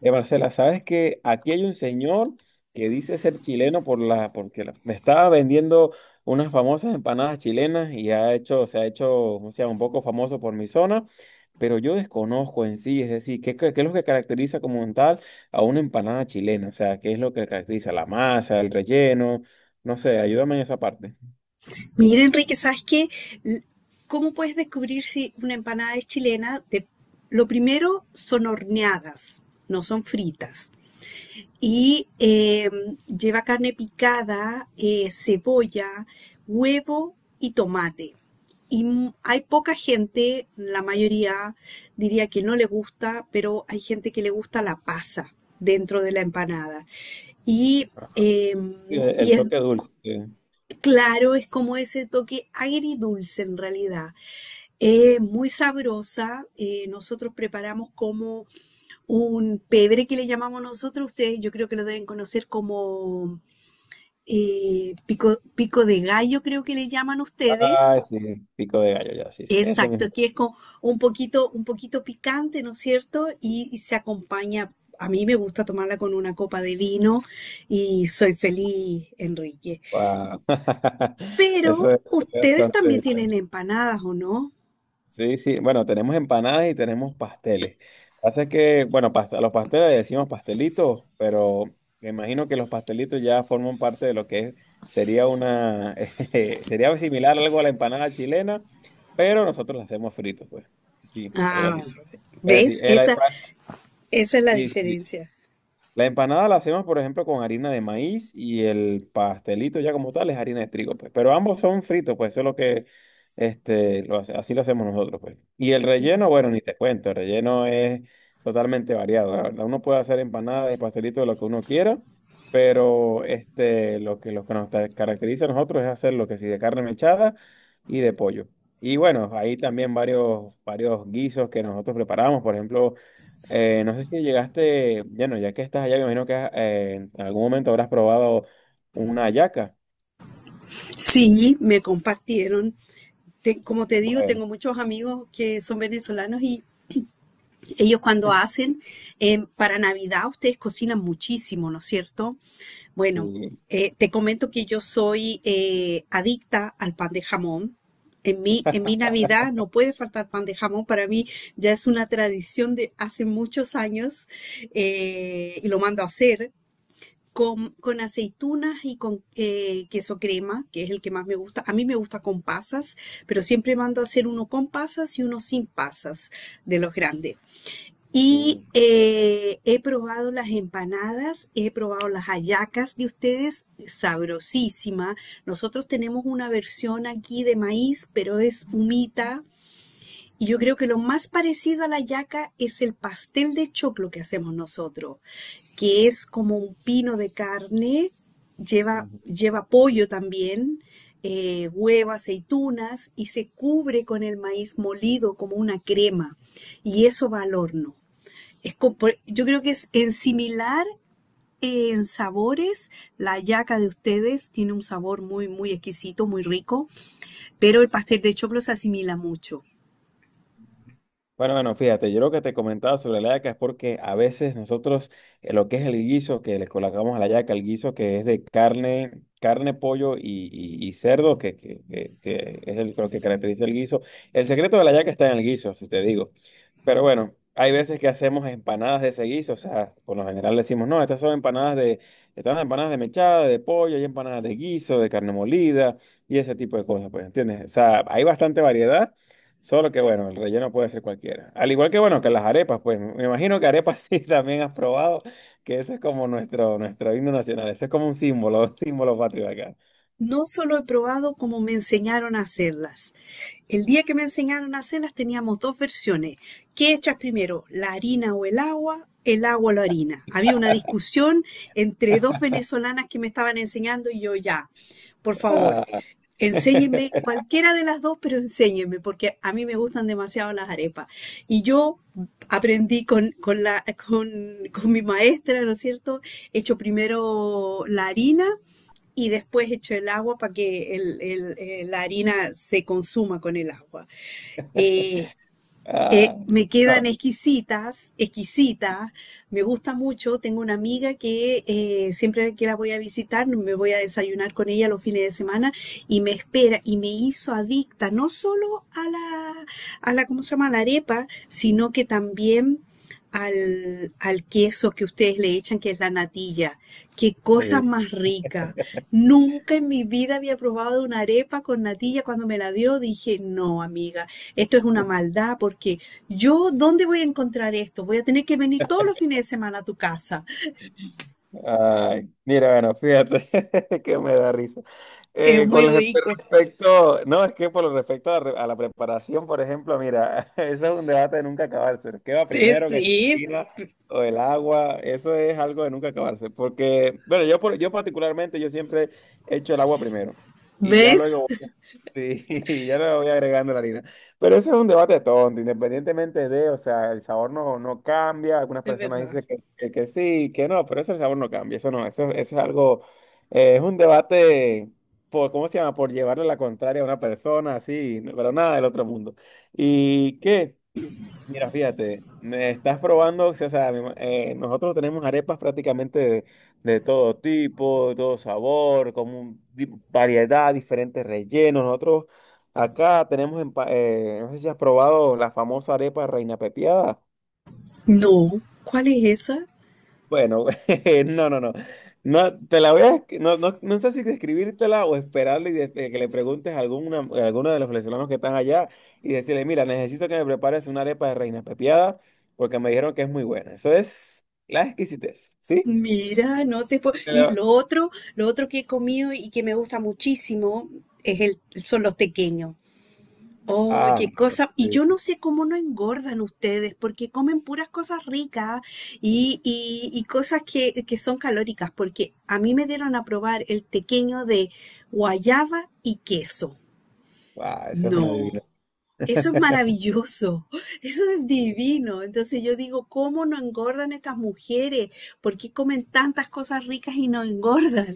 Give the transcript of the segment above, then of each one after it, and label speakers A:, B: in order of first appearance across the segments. A: Marcela, sabes que aquí hay un señor que dice ser chileno por me estaba vendiendo unas famosas empanadas chilenas y se ha hecho, o sea, un poco famoso por mi zona, pero yo desconozco en sí, es decir, qué es lo que caracteriza como un tal a una empanada chilena? O sea, ¿qué es lo que caracteriza? La masa, el relleno, no sé, ayúdame en esa parte.
B: Mira, Enrique, ¿sabes qué? L- ¿Cómo puedes descubrir si una empanada es chilena? Lo primero son horneadas, no son fritas. Y eh, lleva carne picada, cebolla, huevo y tomate. Y hay poca gente, la mayoría diría que no le gusta, pero hay gente que le gusta la pasa dentro de la empanada. Y,
A: Ajá.
B: eh,
A: El,
B: y
A: el
B: es
A: toque dulce.
B: Claro, es como ese toque agridulce en realidad.
A: Sí.
B: Es muy sabrosa. Nosotros preparamos como un pebre que le llamamos nosotros. Ustedes yo creo que lo deben conocer como pico, pico de gallo, creo que le llaman ustedes.
A: Ay, sí, pico de gallo, ya, sí, sí, ese mismo.
B: Exacto, que es como un poquito picante, ¿no es cierto? Y se acompaña. A mí me gusta tomarla con una copa de vino y soy feliz, Enrique.
A: Wow. Eso
B: Pero
A: es
B: ustedes también
A: bastante.
B: tienen empanadas, ¿o no?
A: Sí, sí, bueno, tenemos empanadas y tenemos pasteles. Pasa que, bueno, a los pasteles le decimos pastelitos, pero me imagino que los pastelitos ya forman parte de sería una, sería similar algo a la empanada chilena, pero nosotros la hacemos fritos, pues. Sí, algo
B: Ah,
A: así. Es
B: ¿ves?
A: decir, el,
B: Esa es la
A: sí, sí,
B: diferencia.
A: la empanada la hacemos, por ejemplo, con harina de maíz y el pastelito ya como tal es harina de trigo, pues. Pero ambos son fritos, pues eso es lo que, este, lo hace- así lo hacemos nosotros, pues. Y el
B: Mm.
A: relleno, bueno, ni te cuento, el relleno es totalmente variado, la verdad. Uno puede hacer empanadas de pastelito de lo que uno quiera, pero este, lo que caracteriza a nosotros es hacer lo que sí de carne mechada y de pollo. Y bueno, hay también varios guisos que nosotros preparamos, por ejemplo. No sé si llegaste, bueno, ya que estás allá, me imagino que en algún momento habrás probado una hallaca.
B: Sí, me compartieron. Como te digo,
A: Bueno,
B: tengo muchos amigos que son venezolanos. Y ellos cuando hacen, para Navidad ustedes cocinan muchísimo, ¿no es cierto? Bueno,
A: sí,
B: te comento que yo soy adicta al pan de jamón. En mi Navidad no puede faltar pan de jamón. Para mí ya es una tradición de hace muchos años, y lo mando a hacer con aceitunas y con queso crema, que es el que más me gusta. A mí me gusta con pasas, pero siempre mando a hacer uno con pasas y uno sin pasas de los grandes. Y
A: sí.
B: he probado las empanadas, he probado las hallacas de ustedes, sabrosísima. Nosotros tenemos una versión aquí de maíz, pero es humita. Y yo creo que lo más parecido a la hallaca es el pastel de choclo que hacemos nosotros, que es como un pino de carne, lleva,
A: Ujú.
B: lleva pollo también, huevo, aceitunas y se cubre con el maíz molido como una crema. Y eso va al horno. Yo creo que es en similar en sabores. La yaca de ustedes tiene un sabor muy, muy exquisito, muy rico, pero el pastel de choclo se asimila mucho.
A: Bueno, bueno, fíjate, yo lo que te comentaba sobre la hallaca es porque a veces nosotros lo que es el guiso que le colocamos a la hallaca, el guiso que es de carne, pollo y cerdo, que es lo que caracteriza el guiso. El secreto de la hallaca está en el guiso, si te digo. Pero bueno, hay veces que hacemos empanadas de ese guiso, o sea, por lo general decimos, no, estas son empanadas de, están las empanadas de mechada, de pollo, hay empanadas de guiso, de carne molida y ese tipo de cosas, pues, ¿entiendes? O sea, hay bastante variedad, solo que bueno, el relleno puede ser cualquiera. Al igual que bueno, que las arepas, pues, me imagino que arepas sí también has probado, que eso es como nuestro, nuestro himno nacional, eso es como un símbolo, un símbolo patrio acá.
B: No solo he probado como me enseñaron a hacerlas. El día que me enseñaron a hacerlas teníamos dos versiones. ¿Qué echas primero, la harina o el agua? El agua o la harina. Había una discusión entre dos venezolanas que me estaban enseñando y yo ya, por favor,
A: Ah,
B: enséñenme cualquiera de las dos, pero enséñenme porque a mí me gustan demasiado las arepas. Y yo aprendí con mi maestra, ¿no es cierto? He hecho primero la harina y después echo el agua para que la harina se consuma con el agua. Eh,
A: ah,
B: me
A: no,
B: quedan exquisitas, exquisitas, me gusta mucho. Tengo una amiga que siempre que la voy a visitar, no, me voy a desayunar con ella los fines de semana y me espera y me hizo adicta no solo a ¿cómo se llama? A la arepa, sino que también al, al queso que ustedes le echan, que es la natilla. Qué cosa
A: sí.
B: más rica. Nunca en mi vida había probado una arepa con natilla. Cuando me la dio, dije, no, amiga, esto es una maldad porque yo, ¿dónde voy a encontrar esto? Voy a tener que venir todos los fines de semana a tu casa.
A: Ay, mira, bueno, fíjate que me da risa.
B: Es
A: Eh,
B: muy
A: con el-
B: rico.
A: respecto, no, es que por lo respecto a, a la preparación, por ejemplo, mira, eso es un debate de nunca acabarse. ¿Qué va
B: Es
A: primero, que si
B: decir,
A: la harina o el agua? Eso es algo de nunca acabarse, porque, bueno, yo particularmente, yo siempre he hecho el agua primero y ya
B: ¿ves?
A: luego, voy- sí, y ya luego voy agregando la harina. Pero eso es un debate tonto, independientemente de, o sea, el sabor no, no cambia. Algunas
B: Es
A: personas
B: verdad.
A: dicen que sí, que no, pero eso el sabor no cambia, eso no, eso es algo, es un debate por, ¿cómo se llama? Por llevarle la contraria a una persona, así, no- pero nada del otro mundo. ¿Y qué? Mira, fíjate, me estás probando, o sea, nosotros tenemos arepas prácticamente de todo tipo, de todo sabor, como un variedad, diferentes rellenos. Nosotros acá tenemos, no sé si has probado la famosa arepa reina pepiada.
B: No, ¿cuál es esa?
A: Bueno, no, no, no. No, te la voy a, esc- no, no, no sé si describírtela o esperarle y de que le preguntes a alguna, a alguno de los venezolanos que están allá y decirle, mira, necesito que me prepares una arepa de reina pepiada porque me dijeron que es muy buena. Eso es la exquisitez, ¿sí?
B: Mira, no te puedo.
A: Te
B: Y
A: la-
B: lo otro que he comido y que me gusta muchísimo es el, son los tequeños.
A: Ah, no,
B: Oye, cosa, y
A: sí.
B: yo no sé cómo no engordan ustedes, porque comen puras cosas ricas y, y cosas que son calóricas, porque a mí me dieron a probar el tequeño de guayaba y queso.
A: Ah, eso es una divina.
B: No, eso es maravilloso, eso es divino. Entonces yo digo, ¿cómo no engordan estas mujeres? ¿Por qué comen tantas cosas ricas y no engordan?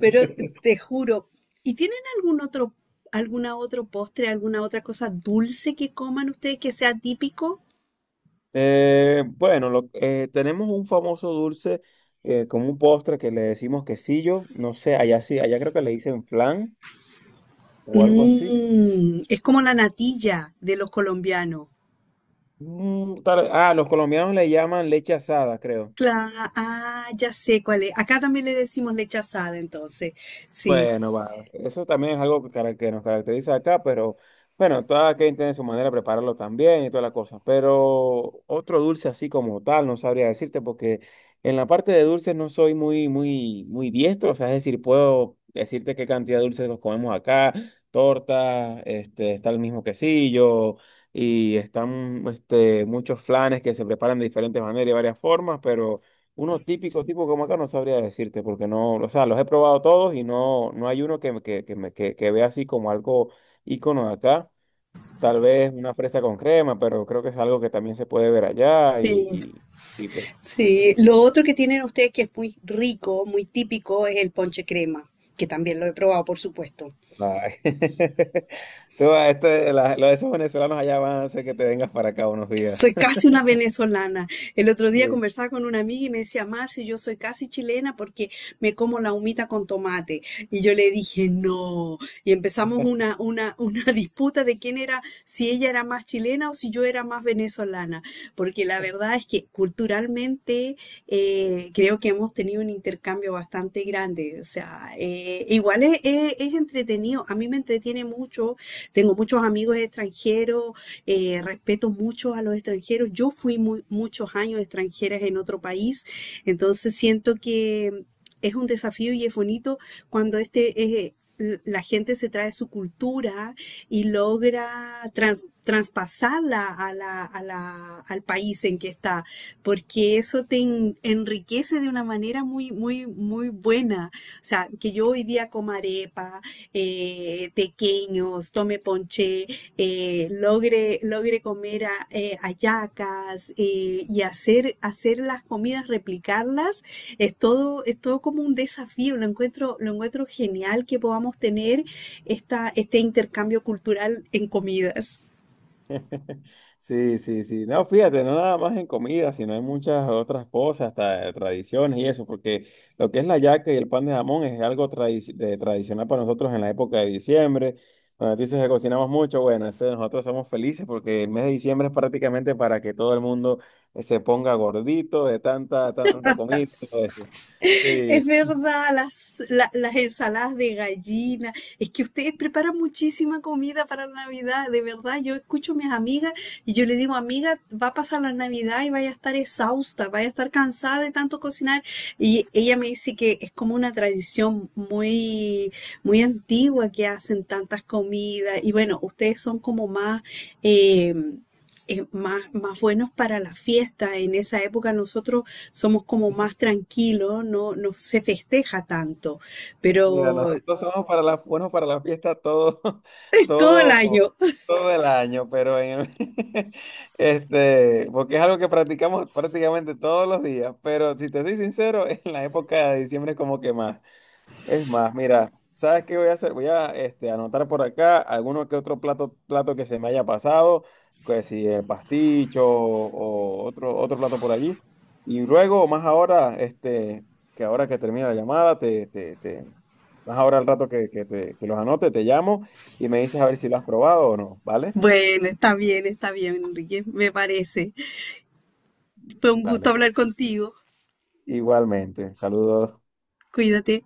B: Pero te juro, ¿y tienen algún otro, alguna otro postre, alguna otra cosa dulce que coman ustedes que sea típico?
A: Bueno, tenemos un famoso dulce como un postre que le decimos quesillo. No sé, allá sí, allá creo que le dicen flan o algo así.
B: Mm, es como la natilla de los colombianos.
A: Los colombianos le llaman leche asada, creo.
B: Cla- ah, ya sé cuál es. Acá también le decimos leche asada, entonces. Sí,
A: Bueno, va. Eso también es algo que nos caracteriza acá, pero bueno, cada quien tiene su manera de prepararlo también y toda la cosa. Pero otro dulce así como tal, no sabría decirte, porque en la parte de dulces no soy muy diestro. O sea, es decir, puedo decirte qué cantidad de dulces nos comemos acá, torta, este, está el mismo quesillo. Y están este, muchos flanes que se preparan de diferentes maneras y varias formas, pero uno típico, tipo como acá, no sabría decirte, porque no, o sea, los he probado todos y no, no hay uno que, que vea así como algo ícono de acá. Tal vez una fresa con crema, pero creo que es algo que también se puede ver allá
B: sí,
A: y pues.
B: sí. Lo otro que tienen ustedes que es muy rico, muy típico, es el ponche crema, que también lo he probado, por supuesto.
A: Ay. Tú, esto, los de esos venezolanos allá van a hacer que te vengas para acá unos días.
B: Soy casi una venezolana. El otro día conversaba con una amiga y me decía, Marci, yo soy casi chilena porque me como la humita con tomate. Y yo le dije, no. Y empezamos una disputa de quién era, si ella era más chilena o si yo era más venezolana. Porque la verdad es que culturalmente creo que hemos tenido un intercambio bastante grande. O sea, es entretenido. A mí me entretiene mucho, tengo muchos amigos extranjeros, respeto mucho a los extranjeros. Yo fui muchos años extranjeras en otro país, entonces siento que es un desafío y es bonito cuando la gente se trae su cultura y logra traspasarla a al país en que está, porque eso te enriquece de una manera muy, muy, muy buena. O sea, que yo hoy día coma arepa, tequeños, tome ponche, logre comer hallacas, y hacer las comidas, replicarlas, es todo como un desafío. Lo encuentro genial que podamos tener esta, este intercambio cultural en comidas.
A: Sí, sí, sí. No, fíjate, no nada más en comida, sino en muchas otras cosas, hasta tradiciones y eso, porque lo que es la yaca y el pan de jamón es algo tradicional para nosotros en la época de diciembre. Cuando tú dices que cocinamos mucho, bueno, nosotros somos felices porque el mes de diciembre es prácticamente para que todo el mundo se ponga gordito de tanta, tanta comida. Y todo eso.
B: Es
A: Sí,
B: verdad, las ensaladas de gallina. Es que ustedes preparan muchísima comida para la Navidad. De verdad, yo escucho a mis amigas y yo le digo, amiga, va a pasar la Navidad y vaya a estar exhausta, vaya a estar cansada de tanto cocinar. Y ella me dice que es como una tradición muy, muy antigua que hacen tantas comidas. Y bueno, ustedes son como más... eh, más, más buenos para la fiesta. En esa época nosotros somos como más tranquilos, no, no se festeja tanto,
A: mira,
B: pero es
A: nosotros somos para la, buenos para la fiesta todo,
B: todo el
A: todo,
B: año.
A: todo el año, pero este, porque es algo que practicamos prácticamente todos los días, pero si te soy sincero, en la época de diciembre como que más. Es más, mira, ¿sabes qué voy a hacer? Voy a este, anotar por acá alguno que otro plato que se me haya pasado, que si el pasticho o, otro plato por allí. Y luego, más ahora, este, que ahora que termina la llamada, más ahora al rato que los anote, te llamo y me dices a ver si lo has probado o no, ¿vale?
B: Bueno, está bien, Enrique, me parece. Fue un gusto
A: Dale, pues.
B: hablar contigo.
A: Igualmente, saludos.
B: Cuídate.